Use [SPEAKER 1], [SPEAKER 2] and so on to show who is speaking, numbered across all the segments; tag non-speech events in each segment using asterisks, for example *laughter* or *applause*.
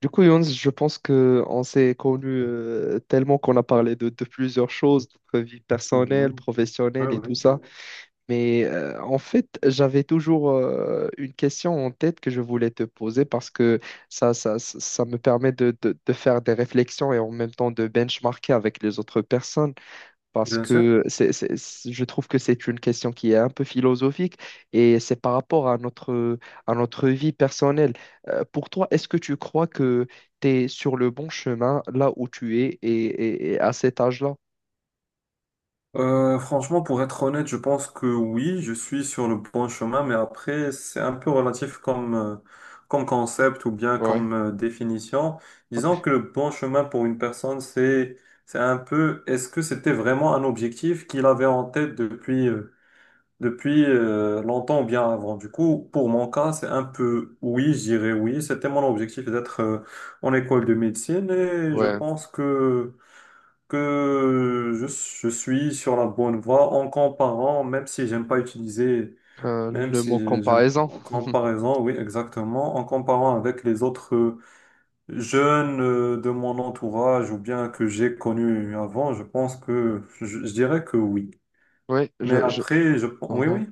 [SPEAKER 1] Du coup, Younes, je pense que on s'est connus tellement qu'on a parlé de plusieurs choses, notre vie personnelle,
[SPEAKER 2] Mhm. Ouais,
[SPEAKER 1] professionnelle et tout
[SPEAKER 2] oui,
[SPEAKER 1] ça. Mais en fait, j'avais toujours une question en tête que je voulais te poser parce que ça me permet de faire des réflexions et en même temps de benchmarker avec les autres personnes parce
[SPEAKER 2] bien sûr.
[SPEAKER 1] que je trouve que c'est une question qui est un peu philosophique et c'est par rapport à notre vie personnelle. Pour toi, est-ce que tu crois que tu es sur le bon chemin là où tu es et à cet âge-là?
[SPEAKER 2] Franchement, pour être honnête, je pense que oui, je suis sur le bon chemin, mais après, c'est un peu relatif comme, comme concept ou bien
[SPEAKER 1] Ouais,
[SPEAKER 2] comme définition. Disons que le bon chemin pour une personne, c'est un peu, est-ce que c'était vraiment un objectif qu'il avait en tête depuis, depuis longtemps ou bien avant? Du coup, pour mon cas, c'est un peu oui, je dirais oui. C'était mon objectif d'être en école de médecine et je
[SPEAKER 1] ouais.
[SPEAKER 2] pense que je suis sur la bonne voie en comparant, même si j'aime pas utiliser,
[SPEAKER 1] Euh,
[SPEAKER 2] même
[SPEAKER 1] le mot
[SPEAKER 2] si j'aime
[SPEAKER 1] comparaison.
[SPEAKER 2] en
[SPEAKER 1] *laughs*
[SPEAKER 2] comparaison, oui, exactement, en comparant avec les autres jeunes de mon entourage ou bien que j'ai connus avant, je pense que je dirais que oui.
[SPEAKER 1] Oui,
[SPEAKER 2] Mais
[SPEAKER 1] je.
[SPEAKER 2] après, oui,
[SPEAKER 1] Mhm.
[SPEAKER 2] oui,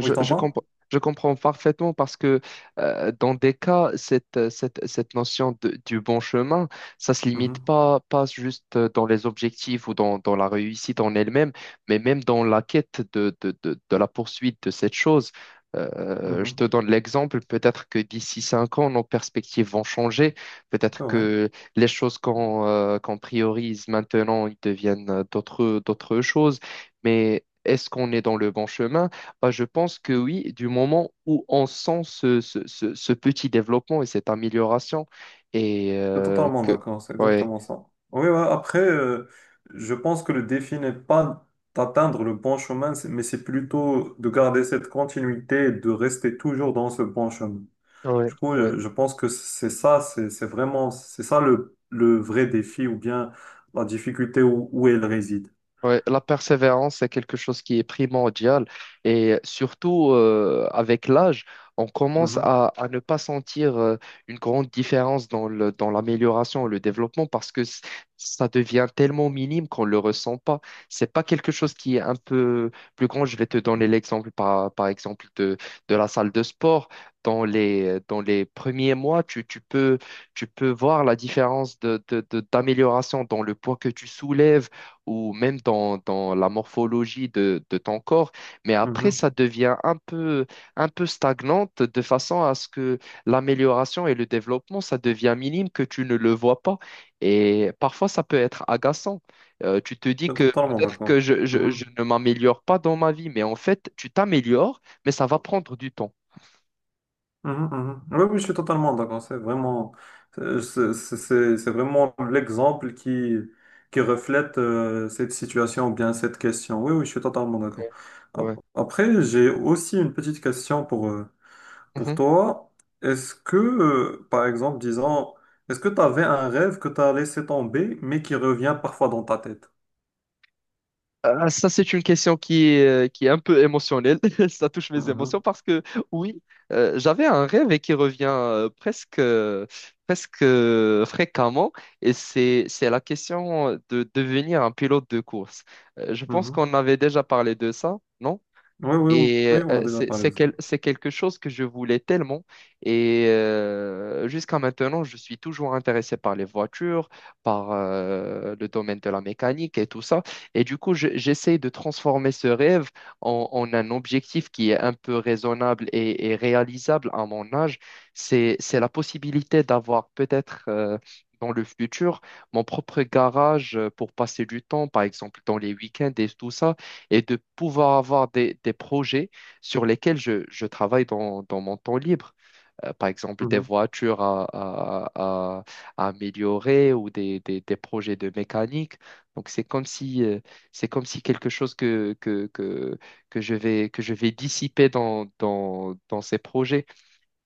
[SPEAKER 2] oui,
[SPEAKER 1] je,
[SPEAKER 2] t'entends?
[SPEAKER 1] compre- je comprends parfaitement parce que dans des cas, cette notion du bon chemin, ça se limite
[SPEAKER 2] Mhm,
[SPEAKER 1] pas juste dans les objectifs ou dans la réussite en elle-même, mais même dans la quête de la poursuite de cette chose. Je
[SPEAKER 2] mhm,
[SPEAKER 1] te donne l'exemple, peut-être que d'ici 5 ans, nos perspectives vont changer, peut-être
[SPEAKER 2] c'est vrai.
[SPEAKER 1] que les choses qu'on priorise maintenant, ils deviennent d'autres choses, mais est-ce qu'on est dans le bon chemin? Bah, je pense que oui, du moment où on sent ce petit développement et cette amélioration, et
[SPEAKER 2] Je suis totalement
[SPEAKER 1] que,
[SPEAKER 2] d'accord, c'est
[SPEAKER 1] ouais,
[SPEAKER 2] exactement ça. Oui, ouais, après, je pense que le défi n'est pas d'atteindre le bon chemin, mais c'est plutôt de garder cette continuité et de rester toujours dans ce bon chemin.
[SPEAKER 1] ouais,
[SPEAKER 2] Du coup,
[SPEAKER 1] ouais.
[SPEAKER 2] je pense que c'est ça, c'est vraiment, c'est ça le vrai défi ou bien la difficulté où elle réside.
[SPEAKER 1] Ouais, la persévérance, c'est quelque chose qui est primordial et surtout avec l'âge, on commence
[SPEAKER 2] Mhm,
[SPEAKER 1] à ne pas sentir une grande différence dans l'amélioration et le développement parce que ça devient tellement minime qu'on ne le ressent pas. C'est pas quelque chose qui est un peu plus grand. Je vais te donner l'exemple par exemple de la salle de sport. Dans les premiers mois, tu peux voir la différence d'amélioration dans le poids que tu soulèves ou même dans la morphologie de ton corps, mais après,
[SPEAKER 2] mhm.
[SPEAKER 1] ça devient un peu stagnante de façon à ce que l'amélioration et le développement, ça devient minime, que tu ne le vois pas. Et parfois, ça peut être agaçant. Tu te dis
[SPEAKER 2] Je suis
[SPEAKER 1] que
[SPEAKER 2] totalement
[SPEAKER 1] peut-être que
[SPEAKER 2] d'accord.
[SPEAKER 1] je
[SPEAKER 2] Mhm.
[SPEAKER 1] ne m'améliore pas dans ma vie, mais en fait, tu t'améliores, mais ça va prendre du temps.
[SPEAKER 2] Mhm, mhm. Oui, oui, je suis totalement d'accord. C'est vraiment, c'est vraiment l'exemple qui reflète cette situation ou bien cette question. Oui, oui, je suis totalement d'accord.
[SPEAKER 1] Ouais.
[SPEAKER 2] Après, j'ai aussi une petite question pour
[SPEAKER 1] Ouais.
[SPEAKER 2] toi. Est-ce que, par exemple, disons, est-ce que tu avais un rêve que tu as laissé tomber, mais qui revient parfois dans ta tête?
[SPEAKER 1] Ah, ça, c'est une question qui est un peu émotionnelle. *laughs* Ça touche mes émotions
[SPEAKER 2] Mhm,
[SPEAKER 1] parce que, oui, j'avais un rêve et qui revient presque fréquemment. Et c'est la question de devenir un pilote de course. Je pense
[SPEAKER 2] mhm.
[SPEAKER 1] qu'on avait déjà parlé de ça, non?
[SPEAKER 2] Oui, oui, oui,
[SPEAKER 1] Et
[SPEAKER 2] oui, on a déjà
[SPEAKER 1] c'est
[SPEAKER 2] parlé
[SPEAKER 1] c'est
[SPEAKER 2] de ça.
[SPEAKER 1] quel- c'est quelque chose que je voulais tellement. Et jusqu'à maintenant, je suis toujours intéressé par les voitures, par le domaine de la mécanique et tout ça. Et du coup, j'essaie de transformer ce rêve en un objectif qui est un peu raisonnable et réalisable à mon âge. C'est la possibilité d'avoir peut-être, dans le futur, mon propre garage pour passer du temps, par exemple dans les week-ends et tout ça, et de pouvoir avoir des projets sur lesquels je travaille dans mon temps libre. Par exemple, des
[SPEAKER 2] Mhm,
[SPEAKER 1] voitures à- à améliorer ou des projets de mécanique. Donc, c'est comme si quelque chose que je vais dissiper dans ces projets.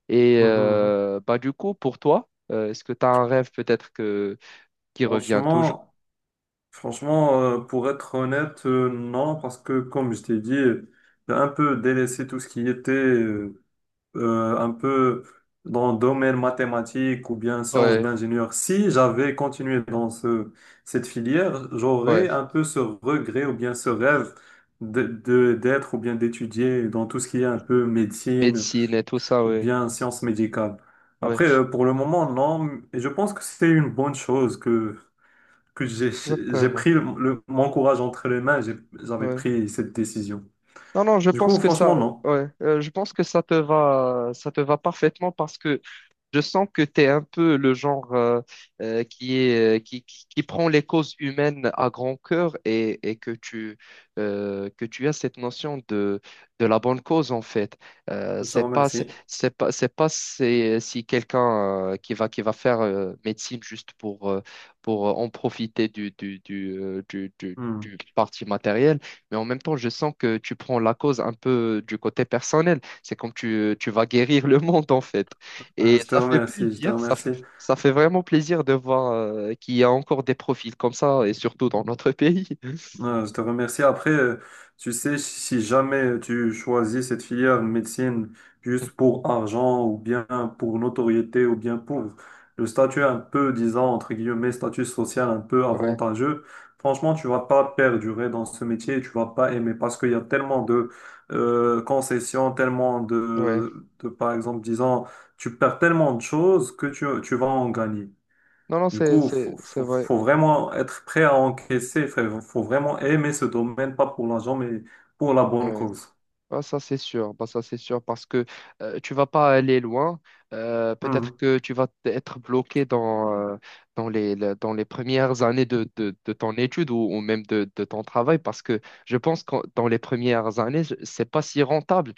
[SPEAKER 1] Et
[SPEAKER 2] mhm, mhm.
[SPEAKER 1] bah, du coup, pour toi, est-ce que tu as un rêve peut-être qui revient toujours?
[SPEAKER 2] Franchement. Franchement, pour être honnête, non, parce que comme je t'ai dit, j'ai un peu délaissé tout ce qui était un peu dans le domaine mathématique ou bien sciences
[SPEAKER 1] Ouais,
[SPEAKER 2] d'ingénieur. Si j'avais continué dans ce, cette filière,
[SPEAKER 1] ouais.
[SPEAKER 2] j'aurais un peu ce regret ou bien ce rêve d'être ou bien d'étudier dans tout ce qui est un peu médecine
[SPEAKER 1] Médecine et tout ça,
[SPEAKER 2] ou
[SPEAKER 1] ouais.
[SPEAKER 2] bien sciences médicales.
[SPEAKER 1] Ouais,
[SPEAKER 2] Après, pour le moment, non, et je pense que c'est une bonne chose que j'ai
[SPEAKER 1] exactement.
[SPEAKER 2] pris le, mon courage entre les mains, j'avais
[SPEAKER 1] Ouais.
[SPEAKER 2] pris cette décision.
[SPEAKER 1] Non, non, je
[SPEAKER 2] Du coup,
[SPEAKER 1] pense que
[SPEAKER 2] franchement,
[SPEAKER 1] ça,
[SPEAKER 2] non.
[SPEAKER 1] ouais, je pense que ça te va parfaitement parce que je sens que tu es un peu le genre qui est, qui prend les causes humaines à grand cœur et que tu as cette notion de la bonne cause en fait. Euh,
[SPEAKER 2] Je te
[SPEAKER 1] c'est pas, c'est
[SPEAKER 2] remercie.
[SPEAKER 1] c'est pas, c'est pas si, si quelqu'un qui va faire médecine juste pour en profiter du, du, du, euh, du, du-
[SPEAKER 2] Hmm.
[SPEAKER 1] du parti matériel, mais en même temps, je sens que tu prends la cause un peu du côté personnel. C'est comme tu vas guérir le monde en fait. Et
[SPEAKER 2] Je te
[SPEAKER 1] ça fait
[SPEAKER 2] remercie, je te
[SPEAKER 1] plaisir, ça fait,
[SPEAKER 2] remercie.
[SPEAKER 1] ça fait vraiment plaisir de voir qu'il y a encore des profils comme ça, et surtout dans notre pays.
[SPEAKER 2] Je te remercie. Après, tu sais, si jamais tu choisis cette filière médecine juste
[SPEAKER 1] *laughs*
[SPEAKER 2] pour argent ou bien pour notoriété ou bien pour le statut un peu, disons, entre guillemets, statut social un peu
[SPEAKER 1] Ouais,
[SPEAKER 2] avantageux, franchement, tu vas pas perdurer dans ce métier, tu vas pas aimer parce qu'il y a tellement de concessions, tellement
[SPEAKER 1] ouais.
[SPEAKER 2] par exemple, disons, tu perds tellement de choses que tu vas en gagner.
[SPEAKER 1] Non, non,
[SPEAKER 2] Du
[SPEAKER 1] c'est,
[SPEAKER 2] coup,
[SPEAKER 1] c'est, c'est vrai.
[SPEAKER 2] faut vraiment être prêt à encaisser, faut vraiment aimer ce domaine, pas pour l'argent, mais pour la bonne
[SPEAKER 1] Ouais.
[SPEAKER 2] cause.
[SPEAKER 1] Ah, ça, c'est sûr. Bah, ça, c'est sûr parce que tu vas pas aller loin. Peut-être que tu vas être bloqué dans les premières années de ton étude ou même de ton travail parce que je pense que dans les premières années, c'est pas si rentable.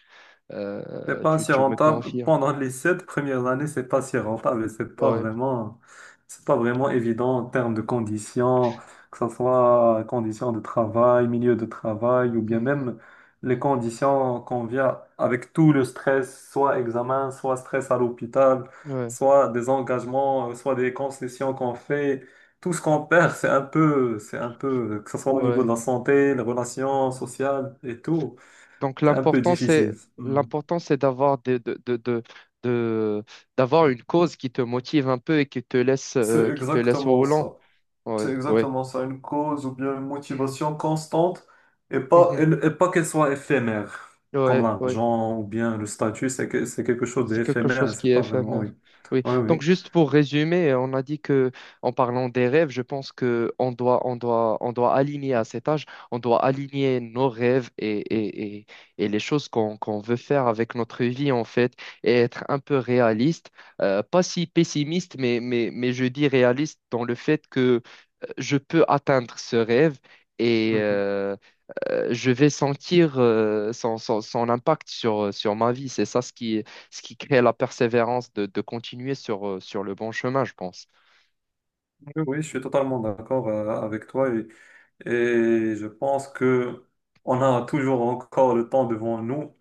[SPEAKER 2] C'est
[SPEAKER 1] Euh,
[SPEAKER 2] pas
[SPEAKER 1] tu,
[SPEAKER 2] si
[SPEAKER 1] tu me
[SPEAKER 2] rentable.
[SPEAKER 1] confirmes.
[SPEAKER 2] Pendant les sept premières années, c'est pas si rentable et
[SPEAKER 1] Ouais.
[SPEAKER 2] c'est pas vraiment évident en termes de conditions, que ce soit conditions de travail, milieu de travail ou bien même les
[SPEAKER 1] Mhm.
[SPEAKER 2] conditions qu'on vient avec tout le stress, soit examen, soit stress à l'hôpital,
[SPEAKER 1] Ouais,
[SPEAKER 2] soit des engagements, soit des concessions qu'on fait. Tout ce qu'on perd, c'est un peu, que ce soit au niveau de
[SPEAKER 1] ouais.
[SPEAKER 2] la santé, les relations sociales et tout,
[SPEAKER 1] Donc
[SPEAKER 2] c'est un peu
[SPEAKER 1] l'important c'est
[SPEAKER 2] difficile. Hmm.
[SPEAKER 1] l'important c'est d'avoir de- d'avoir une cause qui te motive un peu et qui te laisse
[SPEAKER 2] C'est
[SPEAKER 1] euh, qui te laisse au
[SPEAKER 2] exactement
[SPEAKER 1] volant.
[SPEAKER 2] ça. C'est
[SPEAKER 1] Ouais, ouais.
[SPEAKER 2] exactement ça, une cause ou bien une motivation constante et pas,
[SPEAKER 1] Mhm.
[SPEAKER 2] et pas qu'elle soit éphémère, comme
[SPEAKER 1] Ouais, ouais.
[SPEAKER 2] l'argent ou bien le statut, c'est quelque chose
[SPEAKER 1] C'est quelque
[SPEAKER 2] d'éphémère et
[SPEAKER 1] chose qui
[SPEAKER 2] c'est
[SPEAKER 1] est
[SPEAKER 2] pas vraiment, oui.
[SPEAKER 1] éphémère. Oui.
[SPEAKER 2] Oui,
[SPEAKER 1] Donc
[SPEAKER 2] oui.
[SPEAKER 1] juste pour résumer, on a dit que en parlant des rêves, je pense que on doit aligner à cet âge, on doit aligner nos rêves et les choses qu'on veut faire avec notre vie en fait, et être un peu réaliste. Pas si pessimiste, mais je dis réaliste dans le fait que je peux atteindre ce rêve. Et,
[SPEAKER 2] Mhm.
[SPEAKER 1] je vais sentir son impact sur ma vie. C'est ça ce qui crée la persévérance de continuer sur le bon chemin, je pense.
[SPEAKER 2] Oui, oui, je suis totalement d'accord avec toi et je pense que on a toujours encore le temps devant nous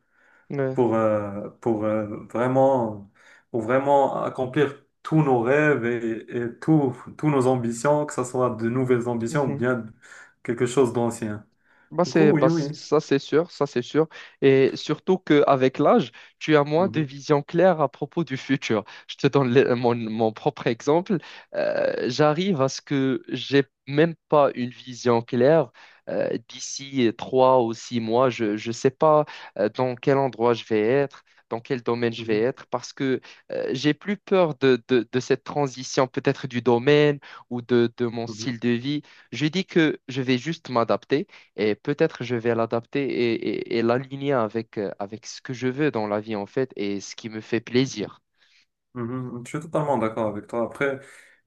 [SPEAKER 1] Ouais.
[SPEAKER 2] pour, vraiment, pour vraiment accomplir tous nos rêves et tous nos ambitions, que ce soit de nouvelles ambitions ou bien quelque chose d'ancien.
[SPEAKER 1] Bah
[SPEAKER 2] Du coup,
[SPEAKER 1] c'est,
[SPEAKER 2] oui,
[SPEAKER 1] bah c-
[SPEAKER 2] oui.
[SPEAKER 1] ça c'est sûr, ça c'est sûr. Et surtout qu'avec l'âge, tu as moins de
[SPEAKER 2] Mhm,
[SPEAKER 1] vision claire à propos du futur. Je te donne mon propre exemple. J'arrive à ce que j'ai même pas une vision claire d'ici 3 ou 6 mois. Je ne sais pas dans quel endroit je vais être. Dans quel domaine je vais
[SPEAKER 2] mhm,
[SPEAKER 1] être, parce que j'ai plus peur de cette transition peut-être du domaine ou de mon
[SPEAKER 2] mhm.
[SPEAKER 1] style de vie. Je dis que je vais juste m'adapter et peut-être je vais l'adapter et l'aligner avec ce que je veux dans la vie, en fait, et ce qui me fait plaisir.
[SPEAKER 2] Mhm, je suis totalement d'accord avec toi. Après,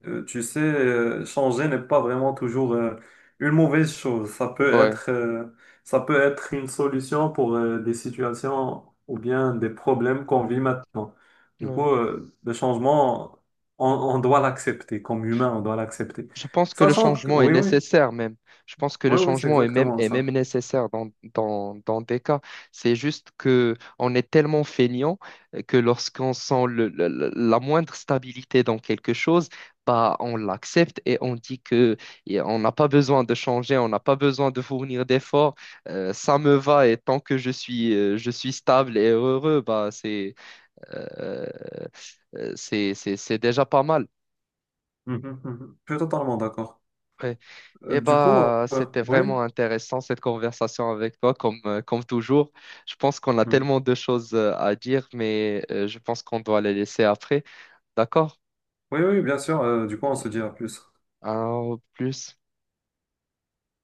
[SPEAKER 2] tu sais, changer n'est pas vraiment toujours une mauvaise chose.
[SPEAKER 1] Ouais.
[SPEAKER 2] Ça peut être une solution pour des situations ou bien des problèmes qu'on vit maintenant. Du coup,
[SPEAKER 1] Ouais.
[SPEAKER 2] le changement, on doit l'accepter. Comme humain, on doit l'accepter.
[SPEAKER 1] Je pense que le
[SPEAKER 2] Sachant que,
[SPEAKER 1] changement est
[SPEAKER 2] oui, oui,
[SPEAKER 1] nécessaire même. Je pense que le
[SPEAKER 2] oui, oui, c'est
[SPEAKER 1] changement est même,
[SPEAKER 2] exactement
[SPEAKER 1] est même
[SPEAKER 2] ça.
[SPEAKER 1] nécessaire dans des cas. C'est juste que on est tellement feignant que lorsqu'on sent la moindre stabilité dans quelque chose, bah, on l'accepte et on dit que et on n'a pas besoin de changer, on n'a pas besoin de fournir d'efforts. Ça me va et tant que je suis stable et heureux, bah, euh, c'est déjà pas mal.
[SPEAKER 2] Mhm, mhm, mhm. Je suis totalement d'accord.
[SPEAKER 1] Ouais. Eh
[SPEAKER 2] Du coup,
[SPEAKER 1] bah, c'était
[SPEAKER 2] oui,
[SPEAKER 1] vraiment intéressant cette conversation avec toi, comme toujours. Je pense qu'on a
[SPEAKER 2] mhm.
[SPEAKER 1] tellement de choses à dire, mais je pense qu'on doit les laisser après. D'accord?
[SPEAKER 2] Oui, oui, bien sûr. Euh, du coup, on se dit à plus.
[SPEAKER 1] Alors, au plus.